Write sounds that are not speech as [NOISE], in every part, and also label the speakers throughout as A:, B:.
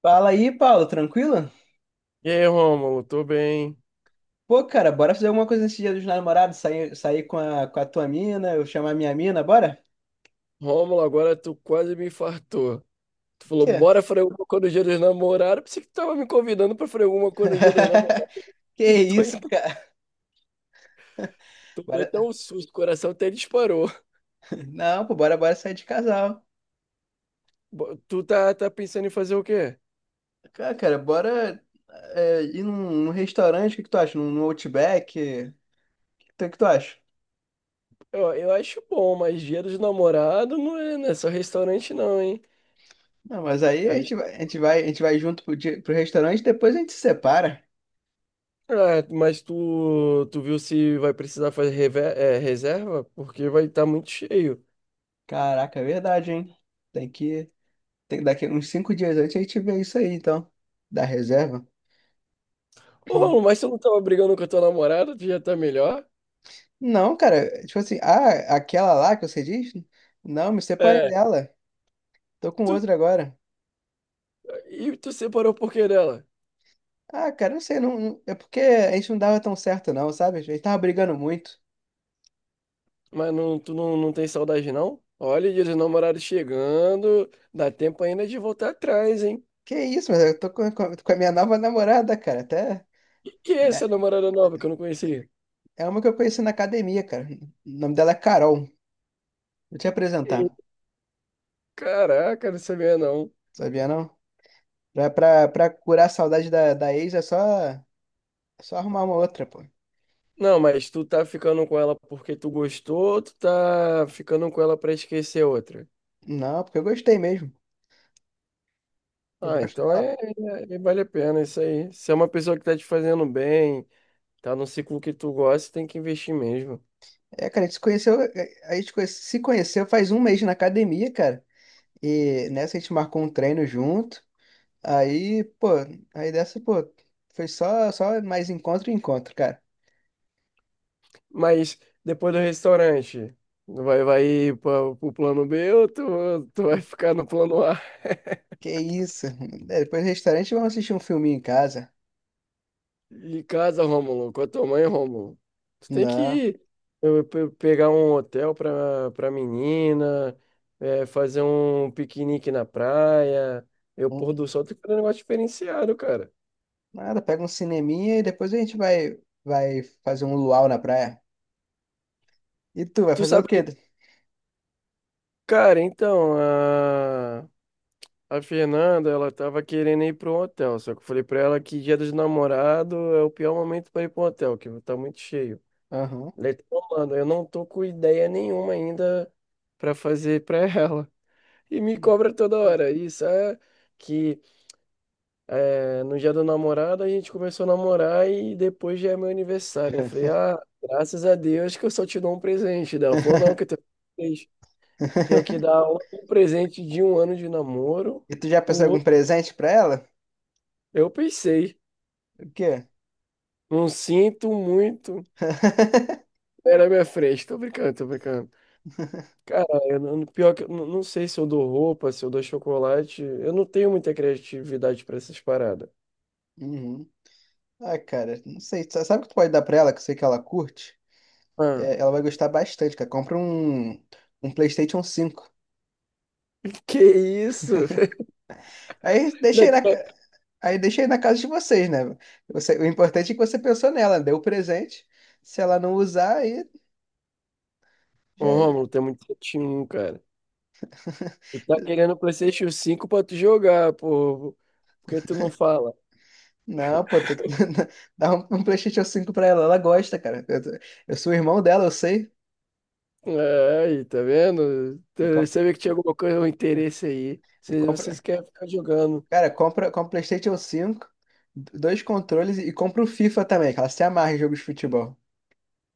A: Fala aí, Paulo, tranquilo?
B: E aí, Rômulo, tô bem.
A: Pô, cara, bora fazer alguma coisa nesse dia dos namorados, sair, sair com a tua mina, eu chamar minha mina, bora?
B: Rômulo, agora tu quase me infartou. Tu falou,
A: Quê?
B: bora fazer alguma coisa no dia dos namorados. Pensei que tu tava me convidando pra fazer alguma coisa no dia dos
A: [LAUGHS]
B: namorados. [LAUGHS]
A: Que
B: Eu tô em
A: isso,
B: casa.
A: cara?
B: Tomei até
A: Bora...
B: um susto, o coração até disparou.
A: [LAUGHS] Não, pô, bora, bora sair de casal.
B: Tu tá pensando em fazer o quê?
A: Cara, bora ir num restaurante, o que que tu acha? Num Outback? O que tu acha?
B: Eu acho bom, mas dia dos namorados não é só restaurante não, hein?
A: Não, mas aí
B: Eu
A: a gente vai,
B: acho-
A: a gente vai, a gente vai junto pro restaurante, depois a gente se separa.
B: Ah, mas tu viu se vai precisar fazer reserva? Porque vai estar muito cheio.
A: Caraca, é verdade, hein? Tem que, daqui uns cinco dias antes a gente vê isso aí, então. Da reserva.
B: Ô, Rômulo, mas tu não tava brigando com a tua namorada? Tu já tá melhor?
A: Não, cara, tipo assim, ah, aquela lá que você diz? Não, me separei
B: É.
A: dela. Tô com
B: Tu,
A: outra agora.
B: e tu separou por que dela?
A: Ah, cara, não sei, é porque a gente não dava tão certo, não, sabe? A gente tava brigando muito.
B: Mas não, tu não, não tem saudade, não? Olha, dia dos namorados chegando. Dá tempo ainda de voltar atrás, hein?
A: Que isso, mas eu tô com a minha nova namorada, cara, até.
B: Que é
A: É
B: essa namorada nova que eu não conhecia?
A: é uma que eu conheci na academia, cara. O nome dela é Carol. Vou te apresentar,
B: Ih, caraca, não sabia não.
A: sabia não? Pra curar a saudade da ex é só, é só arrumar uma outra, pô.
B: Não, mas tu tá ficando com ela porque tu gostou, ou tu tá ficando com ela pra esquecer outra.
A: Não, porque eu gostei mesmo. Eu
B: Ah,
A: gosto
B: então
A: dela.
B: é vale a pena isso aí. Se é uma pessoa que tá te fazendo bem, tá no ciclo que tu gosta, tem que investir mesmo.
A: É, cara, a gente se conheceu, se conheceu faz um mês na academia, cara. E nessa a gente marcou um treino junto. Aí, pô, aí dessa, pô, foi só, só mais encontro e encontro, cara.
B: Mas depois do restaurante, vai ir para o plano B ou tu vai ficar no plano A?
A: Que isso? É, depois do restaurante vamos assistir um filminho em casa.
B: Em casa, Rômulo, com a tua mãe, Rômulo. Tu tem que
A: Não,
B: ir, pegar um hotel para menina, é, fazer um piquenique na praia. Pôr
A: um-
B: do sol, tem que fazer um negócio diferenciado, cara.
A: nada, pega um cineminha e depois vai fazer um luau na praia. E tu vai
B: Tu
A: fazer o
B: sabe
A: quê?
B: que, cara, então, a Fernanda, ela tava querendo ir para um hotel, só que eu falei pra ela que dia dos namorados é o pior momento pra ir para um hotel, que tá muito cheio.
A: Aham.
B: Ela falou, mano, eu não tô com ideia nenhuma ainda pra fazer pra [LAUGHS] ela. E me cobra toda hora. Isso é que é, no dia do namorado a gente começou a namorar e depois já é meu aniversário. Eu falei, ah, graças a Deus que eu só te dou um presente. Daí ela falou, não, que eu tenho três. Tenho que
A: [LAUGHS]
B: dar um presente de um ano de namoro,
A: E tu já
B: o
A: pensou em algum
B: outro.
A: presente pra ela?
B: Eu pensei.
A: O quê?
B: Não sinto muito.
A: [LAUGHS]
B: Era minha frente. Tô brincando, tô brincando. Cara, eu não, pior que eu não, não sei se eu dou roupa, se eu dou chocolate. Eu não tenho muita criatividade pra essas paradas.
A: Uhum. Ah, cara, não sei. Sabe o que tu pode dar pra ela, que eu sei que ela curte?
B: Ah,
A: É, ela vai gostar bastante, cara. Compra um PlayStation cinco.
B: que isso?
A: Aí deixa aí na.
B: [LAUGHS]
A: Aí deixei na casa de vocês, né? Você- o importante é que você pensou nela, deu o presente. Se ela não usar, aí
B: Ô,
A: já. É.
B: Romulo, tem muito um cara.
A: [LAUGHS]
B: Tu tá querendo o PlayStation 5 pra tu jogar, pô. Por que tu não fala?
A: Não, pô, tem que [LAUGHS] dar um PlayStation cinco pra ela. Ela gosta, cara. Eu sou o irmão dela, eu sei.
B: É, aí, tá vendo?
A: E,
B: Eu
A: com-
B: sabia que tinha alguma coisa, um interesse aí.
A: e
B: Vocês
A: compra.
B: querem ficar jogando.
A: Cara, compra, compra PlayStation 5, dois controles e compra o FIFA também, que ela se amarra em jogos de futebol.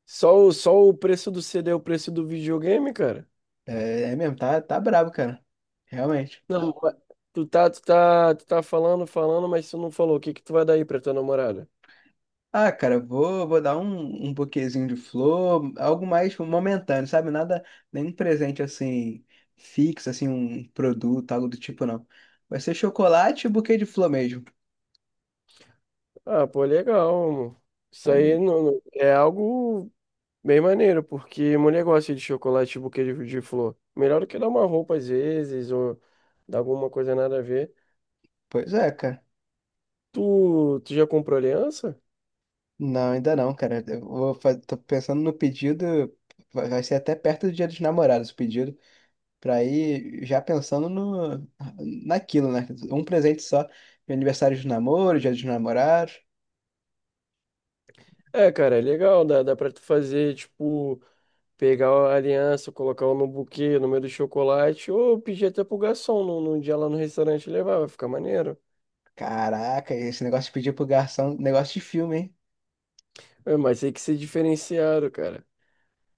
B: Só o preço do CD é o preço do videogame, cara?
A: É, é mesmo, tá, tá brabo, cara. Realmente.
B: Não, mas tu tá falando, falando, mas tu não falou. O que que tu vai dar aí pra tua namorada?
A: Ah, cara, vou, vou dar um buquêzinho de flor, algo mais tipo, momentâneo, sabe? Nada, nenhum presente assim, fixo, assim, um produto, algo do tipo, não. Vai ser chocolate e buquê de flor mesmo.
B: Ah, pô, legal, amor. Isso aí
A: Olha,
B: é algo bem maneiro, porque mulher gosta de chocolate e buquê de flor. Melhor do que dar uma roupa às vezes, ou dar alguma coisa nada a ver.
A: pois é, cara.
B: Tu já comprou aliança?
A: Não, ainda não, cara. Tô pensando no pedido, vai vai ser até perto do Dia dos Namorados o pedido, pra ir já pensando no, naquilo, né? Um presente só, de aniversário de namoro, Dia dos Namorados.
B: É, cara, é legal, dá pra tu fazer, tipo, pegar a aliança, colocar no buquê, no meio do chocolate, ou pedir até pro garçom no dia lá no restaurante levar, vai ficar maneiro.
A: Caraca, esse negócio de pedir pro garçom, negócio de filme, hein?
B: É, mas tem que ser diferenciado, cara.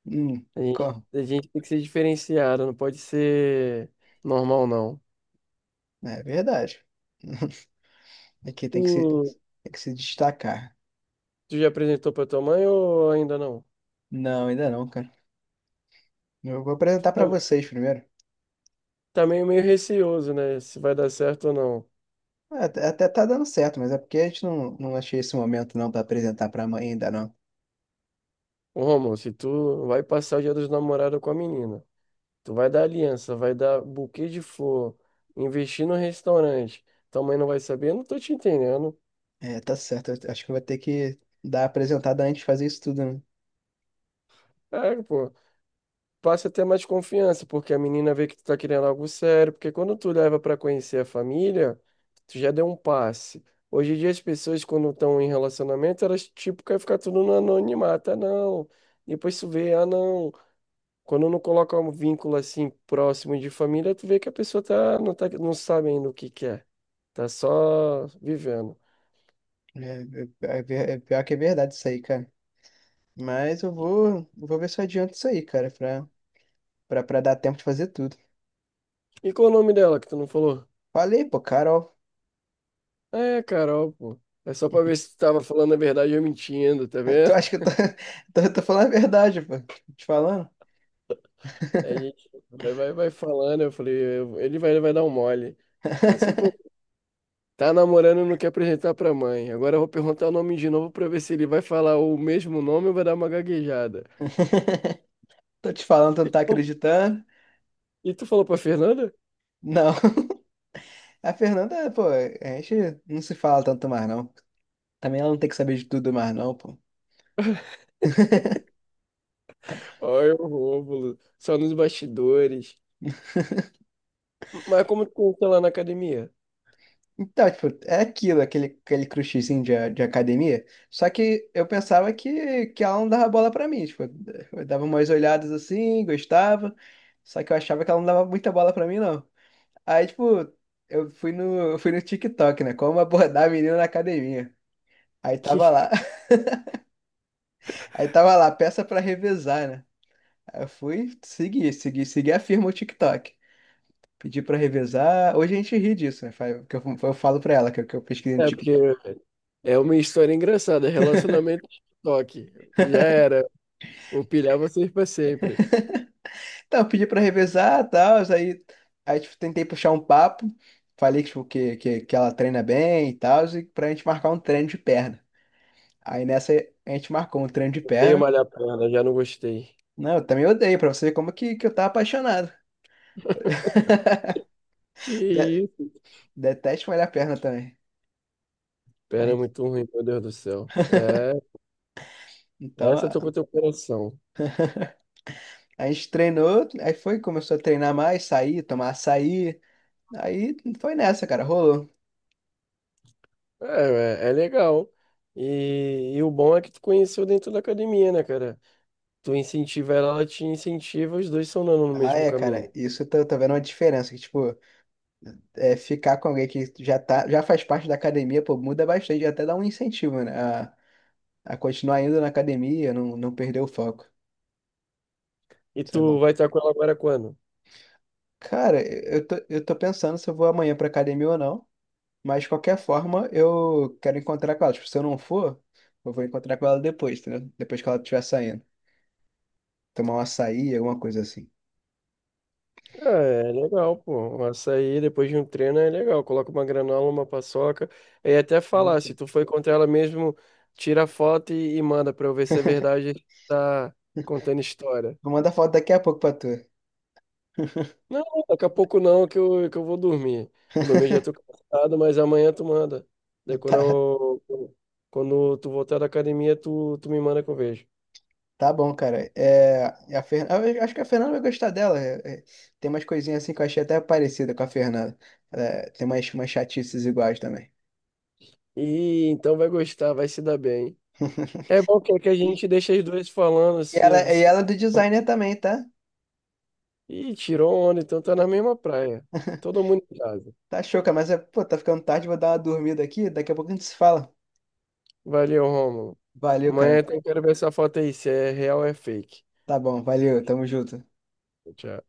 A: Hum,
B: A gente,
A: como?
B: a gente tem que ser diferenciado, não pode ser normal, não.
A: É verdade. [LAUGHS] Aqui
B: Tu,
A: tem que se destacar.
B: tu já apresentou pra tua mãe ou ainda não?
A: Não, ainda não, cara. Eu vou apresentar pra
B: Tá,
A: vocês primeiro.
B: tá meio receoso, né? Se vai dar certo ou não.
A: Ah, até tá dando certo, mas é porque a gente não, não achei esse momento não pra apresentar pra mãe ainda não.
B: Ô, Romulo, se tu vai passar o Dia dos Namorados com a menina, tu vai dar aliança, vai dar buquê de flor, investir no restaurante, tua mãe não vai saber? Eu não tô te entendendo.
A: É, tá certo. Eu acho que eu vou ter que dar a apresentada antes de fazer isso tudo, né?
B: É, pô. Passa a ter mais confiança, porque a menina vê que tu tá querendo algo sério, porque quando tu leva pra conhecer a família, tu já deu um passe. Hoje em dia as pessoas quando estão em relacionamento, elas tipo querem ficar tudo no anonimato, ah não. Depois tu vê, ah não. Quando não coloca um vínculo assim próximo de família, tu vê que a pessoa tá não tá não sabe ainda o que quer. Tá só vivendo.
A: É, é pior que é verdade isso aí, cara. Mas eu vou, eu vou ver se eu adianto isso aí, cara, pra dar tempo de fazer tudo.
B: E qual o nome dela que tu não falou?
A: Falei, pô, Carol.
B: Ah, é, Carol, pô. É só pra ver se tu tava falando a verdade ou mentindo, tá
A: [LAUGHS] Tu
B: vendo?
A: acha que [LAUGHS] tô falando a verdade, pô? Tô te falando?
B: Aí a gente vai falando, eu falei, ele vai dar um mole. Eu falei assim, pô,
A: [LAUGHS]
B: tá namorando, não quer apresentar pra mãe. Agora eu vou perguntar o nome de novo pra ver se ele vai falar o mesmo nome ou vai dar uma gaguejada.
A: Tô te falando, tu não tá acreditando?
B: E tu falou pra Fernanda?
A: Não. [LAUGHS] A Fernanda, pô, a gente não se fala tanto mais, não. Também ela não tem que saber de tudo mais, não, pô.
B: Olha o Rômulo, só nos bastidores. Mas como tu conheceu lá na academia?
A: Então, tipo, é aquilo, aquele crushzinho de academia. Só que eu pensava que ela não dava bola pra mim. Tipo, eu dava umas olhadas assim, gostava. Só que eu achava que ela não dava muita bola pra mim, não. Aí, tipo, eu fui no TikTok, né? Como abordar a menina na academia. Aí
B: Que? [LAUGHS]
A: tava lá, [LAUGHS] aí tava lá, peça pra revezar, né? Aí eu fui seguir a firma o TikTok. Pedi pra revezar. Hoje a gente ri disso, né? Eu falo pra ela que eu pesquisei no
B: É, porque
A: TikTok.
B: é uma história engraçada, relacionamento de toque. Já era, vou pilhar vocês pra sempre.
A: Então, eu pedi pra revezar e tal, aí, aí tipo, tentei puxar um papo, falei que, tipo, que ela treina bem e tal, e pra gente marcar um treino de perna. Aí nessa a gente marcou um treino de
B: Dei uma
A: perna.
B: malhar perna, já não gostei.
A: Não, eu também odeio, pra você ver como que eu tava apaixonado. [LAUGHS] De-
B: Que
A: detesto malhar a perna também.
B: pera é
A: Aí,
B: muito ruim, meu Deus do céu. É,
A: então,
B: essa eu tô com o teu coração.
A: a gente treinou, aí foi, começou a treinar mais, sair, tomar açaí. Aí foi nessa, cara, rolou.
B: É, é, é legal. E o bom é que tu conheceu dentro da academia, né, cara? Tu incentiva ela, ela te incentiva, os dois são andando no
A: Ah,
B: mesmo
A: é,
B: caminho.
A: cara, isso tô vendo uma diferença, que, tipo, é, ficar com alguém que já tá, já faz parte da academia, pô, muda bastante, até dá um incentivo, né? A, a continuar indo na academia, não perder o foco.
B: E
A: Isso é
B: tu
A: bom.
B: vai estar com ela agora quando?
A: Cara, eu tô pensando se eu vou amanhã pra academia ou não, mas de qualquer forma eu quero encontrar com ela. Tipo, se eu não for, eu vou encontrar com ela depois, entendeu? Depois que ela estiver saindo. Tomar um açaí, alguma coisa assim.
B: Ah, é legal, pô. Um açaí depois de um treino é legal. Coloca uma granola, uma paçoca. E até falar,
A: Eita.
B: se tu foi contra ela mesmo, tira a foto e manda pra eu ver se é verdade que tá contando história.
A: Vou mandar foto daqui a pouco pra tu.
B: Não, daqui a pouco não, que eu vou dormir. Eu dormir já tô
A: [LAUGHS]
B: cansado, mas amanhã tu manda. Daí
A: Tá.
B: quando tu voltar da academia, tu me manda que eu vejo.
A: Tá bom, cara. É, a Fer... Eu acho que a Fernanda vai gostar dela. É, é, tem umas coisinhas assim que eu achei até parecida com a Fernanda. É, tem umas, umas chatices iguais também.
B: E então vai gostar, vai se dar bem. É
A: [LAUGHS]
B: bom que a gente deixa as duas falando. Se,
A: E ela
B: se...
A: é do designer também, tá?
B: Ih, tirou onda, então tá na mesma praia. Todo
A: [LAUGHS]
B: mundo em casa.
A: Tá choca, mas é, pô, tá ficando tarde, vou dar uma dormida aqui. Daqui a pouco a gente se fala.
B: Valeu, Rômulo.
A: Valeu, cara.
B: Amanhã eu quero ver essa foto aí, se é real ou é fake.
A: Tá bom, valeu, tamo junto.
B: Tchau.